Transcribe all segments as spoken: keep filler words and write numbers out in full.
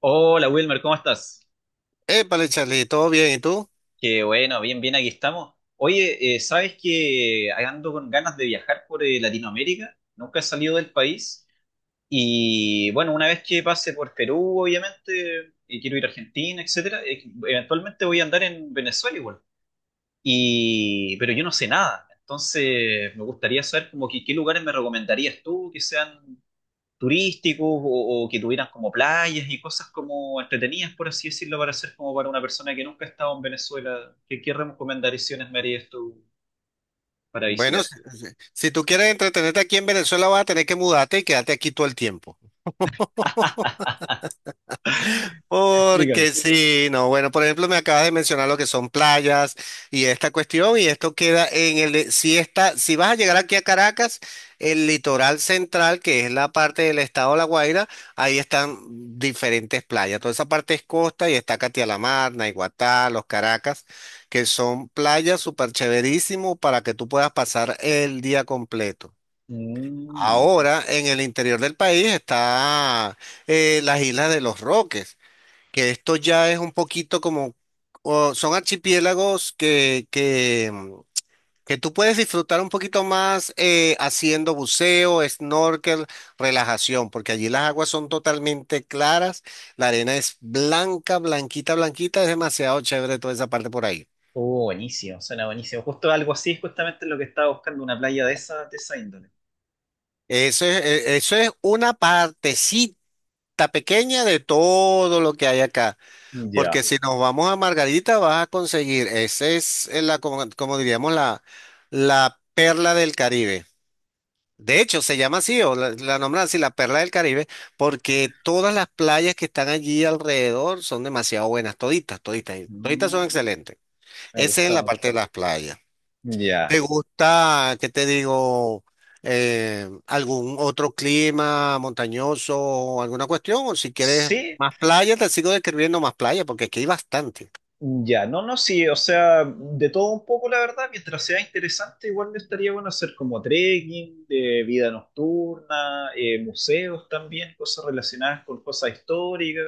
Hola Wilmer, ¿cómo estás? Épale, Charlie, ¿todo bien? ¿Y tú? Qué bueno, bien, bien, aquí estamos. Oye, eh, ¿sabes que ando con ganas de viajar por eh, Latinoamérica? Nunca he salido del país y bueno, una vez que pase por Perú, obviamente, y quiero ir a Argentina, etcétera, eh, eventualmente voy a andar en Venezuela igual. Y, pero yo no sé nada, entonces me gustaría saber como que qué lugares me recomendarías tú que sean turísticos o, o que tuvieran como playas y cosas como entretenidas, por así decirlo, para hacer como para una persona que nunca ha estado en Venezuela. ¿Qué, qué recomendaciones me harías tú para Bueno, visitar? si, si- si tú quieres entretenerte aquí en Venezuela, vas a tener que mudarte y quedarte aquí todo el tiempo. Explícame. Porque sí, no, bueno, por ejemplo, me acabas de mencionar lo que son playas y esta cuestión, y esto queda en el, de- si está, si vas a llegar aquí a Caracas, el litoral central, que es la parte del estado de La Guaira, ahí están diferentes playas. Toda esa parte es costa y está Catia la Mar, Naiguatá, Los Caracas, que son playas súper chéverísimo para que tú puedas pasar el día completo. Mm, Ahora, en el interior del país está eh, las Islas de los Roques, que esto ya es un poquito como, o son archipiélagos que, que, mm, que tú puedes disfrutar un poquito más, eh, haciendo buceo, snorkel, relajación, porque allí las aguas son totalmente claras, la arena es blanca, blanquita, blanquita, es demasiado chévere toda esa parte por ahí. oh, buenísimo, suena buenísimo. Justo algo así es justamente lo que estaba buscando, una playa de esa, de esa índole. Eso es, e- eso es una partecita pequeña de todo lo que hay acá. Porque Ya. si nos vamos a Margarita, vas a conseguir, esa es eh, la, como, como diríamos, la, la perla del Caribe. De hecho, se llama así, o la, la nombran así, la perla del Caribe, porque todas las playas que están allí alrededor son demasiado buenas, toditas, toditas, y toditas Mm, son excelentes. me Esa es en gustó, la me parte de gustó. las playas. ¿Te Ya. gusta, qué te digo, eh, algún otro clima montañoso, o alguna cuestión? O si quieres Sí, más playa, te sigo describiendo más playa, porque aquí hay bastante. ya, no, no, sí, o sea, de todo un poco, la verdad, mientras sea interesante, igual me estaría bueno hacer como trekking, de vida nocturna, eh, museos también, cosas relacionadas con cosas históricas,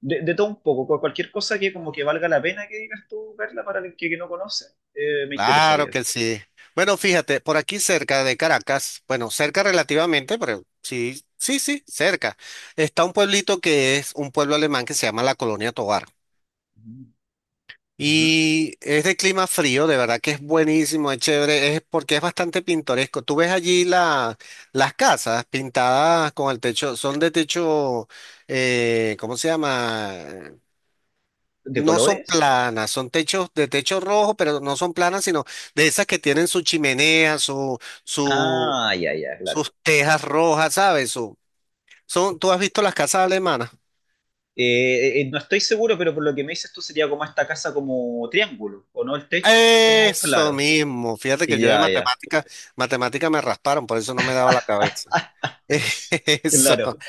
de, de todo un poco, cu- cualquier cosa que como que valga la pena que digas tú, Carla, para el que, que no conoce, eh, me Claro interesaría. que sí. Bueno, fíjate, por aquí cerca de Caracas, bueno, cerca relativamente, pero sí, sí, sí, cerca, está un pueblito que es un pueblo alemán que se llama la Colonia Tovar. Ujú. Ya. Y es de clima frío, de verdad que es buenísimo, es chévere, es porque es bastante pintoresco. Tú ves allí la, las casas pintadas con el techo, son de techo, eh, ¿cómo se llama? ¿De No son colores? planas, son techos de techo rojo, pero no son planas, sino de esas que tienen su chimenea, su, su, Ah, ya, ya, claro. sus tejas rojas, ¿sabes? Su- son, ¿tú has visto las casas alemanas? Eh, eh, no estoy seguro, pero por lo que me dices tú sería como esta casa como triángulo, ¿o no? El techo, como Eso claro. mismo. Fíjate que yo de Ya, ya. matemática, matemática me rasparon, por eso no me daba la cabeza. Eso. Claro.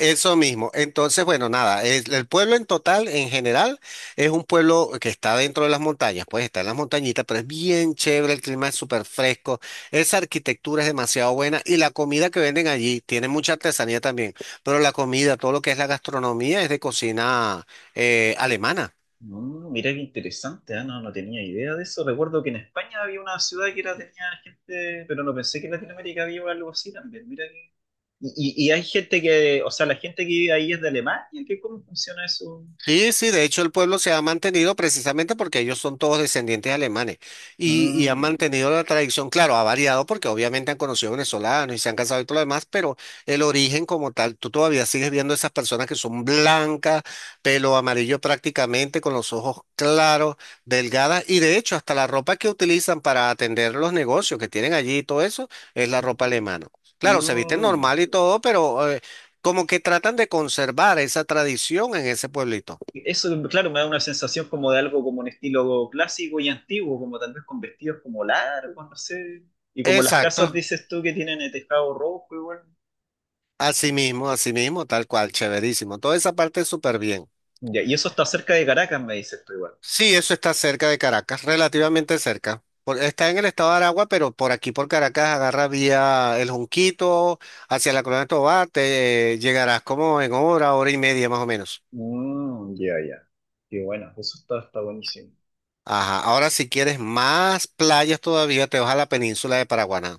Eso mismo. Entonces, bueno, nada, es- el pueblo en total, en general, es un pueblo que está dentro de las montañas, pues está en las montañitas, pero es bien chévere, el clima es súper fresco, esa arquitectura es demasiado buena y la comida que venden allí tiene mucha artesanía también, pero la comida, todo lo que es la gastronomía es de cocina eh, alemana. Mm, mira qué interesante, ah, no, no tenía idea de eso. Recuerdo que en España había una ciudad que era, tenía gente, pero no pensé que en Latinoamérica había algo así también. Mira que- Y, y- y hay gente que, o sea, la gente que vive ahí es de Alemania. ¿Qué, cómo funciona eso? Sí, sí, de hecho el pueblo se ha mantenido precisamente porque ellos son todos descendientes alemanes y, y han Mm, mantenido la tradición, claro, ha variado porque obviamente han conocido venezolanos y se han casado y todo lo demás, pero el origen como tal, tú todavía sigues viendo esas personas que son blancas, pelo amarillo prácticamente, con los ojos claros, delgadas y de hecho hasta la ropa que utilizan para atender los negocios que tienen allí y todo eso es la ropa alemana. Claro, se visten mm. normal y todo, pero eh, como que tratan de conservar esa tradición en ese pueblito. Eso, claro, me da una sensación como de algo como un estilo clásico y antiguo, como tal vez con vestidos como largos, no sé. Y como las casas, Exacto, dices tú, que tienen el tejado rojo igual. así mismo, así mismo, tal cual, chéverísimo. Toda esa parte es súper bien. Ya, y eso está cerca de Caracas, me dices tú igual. Sí, eso está cerca de Caracas, relativamente cerca. Por- está en el estado de Aragua, pero por aquí, por Caracas, agarra vía El Junquito, hacia la Colonia de Tovar, te llegarás como en hora, hora y media más o menos. Mm, ya, ya. Qué bueno, eso está, está buenísimo. Ajá, ahora si quieres más playas todavía, te vas a la península de Paraguaná.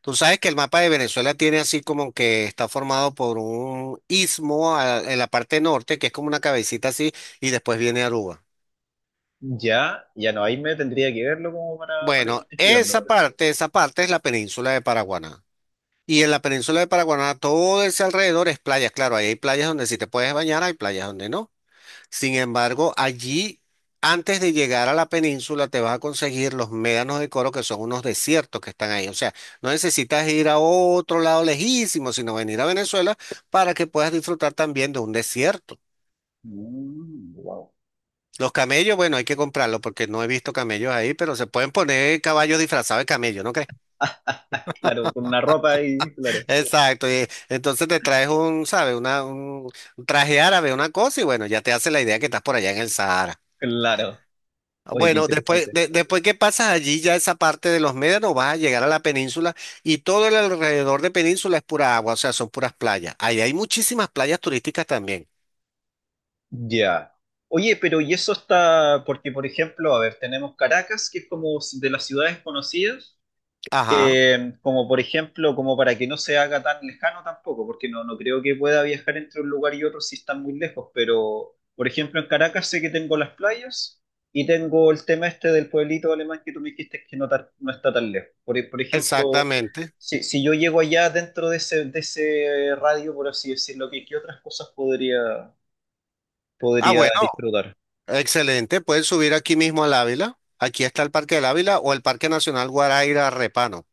Tú sabes que el mapa de Venezuela tiene así como que está formado por un istmo a- en la parte norte, que es como una cabecita así, y después viene Aruba. Ya, ya no, ahí me tendría que verlo como para, para Bueno, identificarlo, esa pero. parte, esa parte es la península de Paraguaná. Y en la península de Paraguaná todo ese alrededor es playas. Claro, ahí hay playas donde sí te puedes bañar, hay playas donde no. Sin embargo, allí, antes de llegar a la península, te vas a conseguir los médanos de Coro, que son unos desiertos que están ahí. O sea, no necesitas ir a otro lado lejísimo, sino venir a Venezuela para que puedas disfrutar también de un desierto. Mm, wow. Los camellos, bueno, hay que comprarlos porque no he visto camellos ahí, pero se pueden poner caballos disfrazados de camello, ¿no crees? Claro, con una ropa y claro, Exacto. Y entonces te traes un, ¿sabes? Una, un un traje árabe, una cosa, y bueno, ya te hace la idea que estás por allá en el Sahara. claro. Oye, qué Bueno, después, interesante. de- después que pasas allí, ya esa parte de los médanos, vas a llegar a la península y todo el alrededor de península es pura agua, o sea, son puras playas. Ahí hay muchísimas playas turísticas también. Ya. Oye, pero y eso está, porque por ejemplo, a ver, tenemos Caracas, que es como de las ciudades conocidas. Ajá, Eh, como por ejemplo, como para que no se haga tan lejano tampoco, porque no, no creo que pueda viajar entre un lugar y otro si están muy lejos, pero por ejemplo en Caracas sé que tengo las playas y tengo el tema este del pueblito alemán que tú me dijiste que no, tar- no está tan lejos. Por, e- por ejemplo, exactamente. si, si yo llego allá dentro de ese, de ese radio, por así decirlo, ¿qué, qué otras cosas podría, Ah, podría bueno, disfrutar? excelente. Pueden subir aquí mismo al Ávila. Aquí está el Parque del Ávila o el Parque Nacional Guaraíra Repano,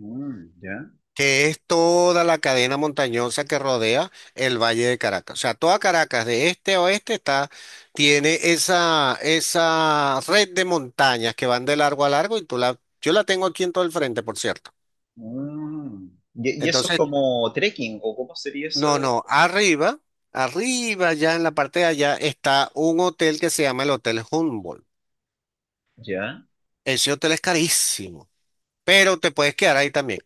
Mm, ya. que es toda la cadena montañosa que rodea el Valle de Caracas. O sea, toda Caracas, de este a oeste, está, tiene esa, esa red de montañas que van de largo a largo y tú la, yo la tengo aquí en todo el frente, por cierto. Mm. Y, y eso es Entonces, como trekking, ¿o cómo sería esa? no, no, arriba, arriba, ya en la parte de allá, está un hotel que se llama el Hotel Humboldt. Ya. Ese hotel es carísimo, pero te puedes quedar ahí también.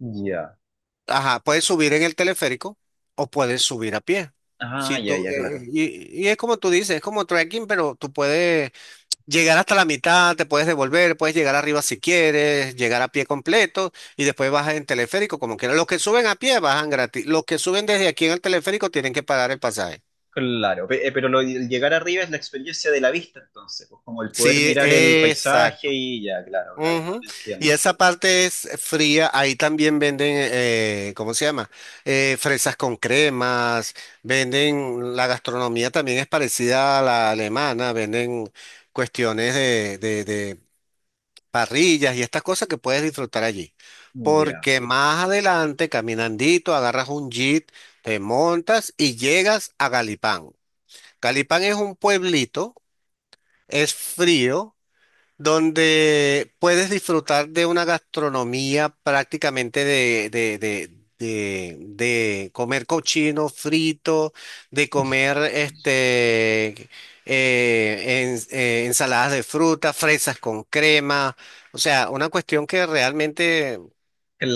Ya. Ajá, puedes subir en el teleférico o puedes subir a pie. Ah, Si ya, tú, ya, eh, claro. y, y es como tú dices, es como trekking, pero tú puedes llegar hasta la mitad, te puedes devolver, puedes llegar arriba si quieres, llegar a pie completo y después bajas en teleférico como quieras. Los que suben a pie bajan gratis. Los que suben desde aquí en el teleférico tienen que pagar el pasaje. Claro, Pe- eh, pero lo, el llegar arriba es la experiencia de la vista, entonces, pues como el poder Sí, mirar el paisaje exacto. y ya, claro, claro, claro, Ujú. Y entiendo. esa parte es fría, ahí también venden, eh, ¿cómo se llama? Eh, fresas con cremas, venden, la gastronomía también es parecida a la alemana, venden cuestiones de, de, de parrillas y estas cosas que puedes disfrutar allí. Ya. Porque más adelante, caminandito, agarras un jeep, te montas y llegas a Galipán. Galipán es un pueblito, es frío donde puedes disfrutar de una gastronomía prácticamente de, de, de, de, de comer cochino frito, de comer este, eh, ens- eh, ensaladas de fruta, fresas con crema, o sea, una cuestión que realmente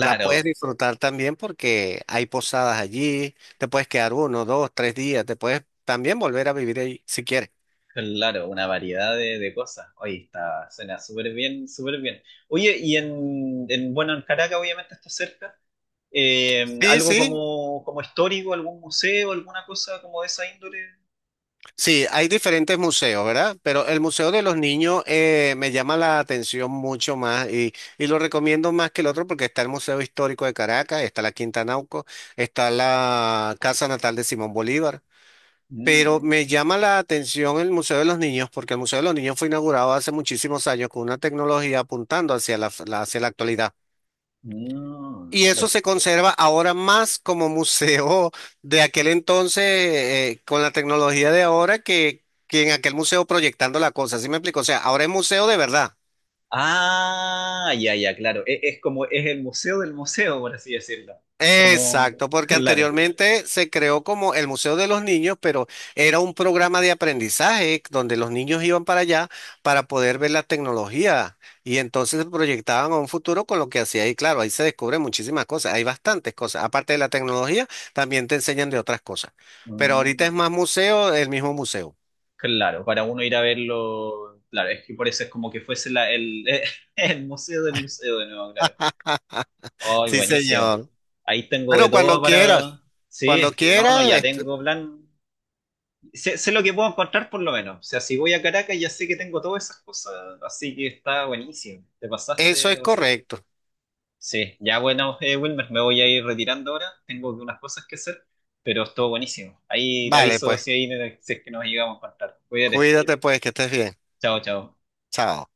la puedes disfrutar también porque hay posadas allí, te puedes quedar uno, dos, tres días, te puedes también volver a vivir ahí si quieres. claro, una variedad de, de cosas. Oye, está, suena súper bien, súper bien. Oye, y en, en, bueno, en Caracas obviamente está cerca. Eh, Sí, algo sí, como, como histórico, algún museo, alguna cosa como de esa índole. sí, hay diferentes museos, ¿verdad? Pero el Museo de los Niños, eh, me llama la atención mucho más y, y lo recomiendo más que el otro porque está el Museo Histórico de Caracas, está la Quinta Nauco, está la Casa Natal de Simón Bolívar. Pero Mm, me llama la atención el Museo de los Niños porque el Museo de los Niños fue inaugurado hace muchísimos años con una tecnología apuntando hacia la, la- hacia la actualidad. mm. Y eso se conserva ahora más como museo de aquel entonces, eh, con la tecnología de ahora, que, que en aquel museo proyectando la cosa. ¿Sí me explico? O sea, ahora es museo de verdad. Ah, ya, ya, claro. E- es, como, es el museo del museo, por así decirlo. Como, Exacto, porque claro. anteriormente se creó como el Museo de los Niños, pero era un programa de aprendizaje donde los niños iban para allá para poder ver la tecnología y entonces se proyectaban a un futuro con lo que hacía y claro, ahí se descubren muchísimas cosas, hay bastantes cosas, aparte de la tecnología, también te enseñan de otras cosas, pero ahorita Mm, es más museo, el mismo museo. claro, para uno ir a verlo, claro, es que por eso es como que fuese la, el, el museo del museo de nuevo, claro. Ay, Sí, buenísimo. señor. Ahí tengo de Bueno, todo cuando quieras, para... cuando Sí, no, no, quieras, ya este, tengo plan. Sé, sé lo que puedo encontrar por lo menos. O sea, si voy a Caracas ya sé que tengo todas esas cosas. Así que está buenísimo. Te eso pasaste, te es pasaste. correcto. Sí, ya bueno, eh, Wilmer, me voy a ir retirando ahora. Tengo unas cosas que hacer, pero estuvo buenísimo. Ahí te Vale, aviso pues, si, ahí, si es que nos llegamos a contar. Cuídate. cuídate pues, que estés bien. Chao, chao. Chao.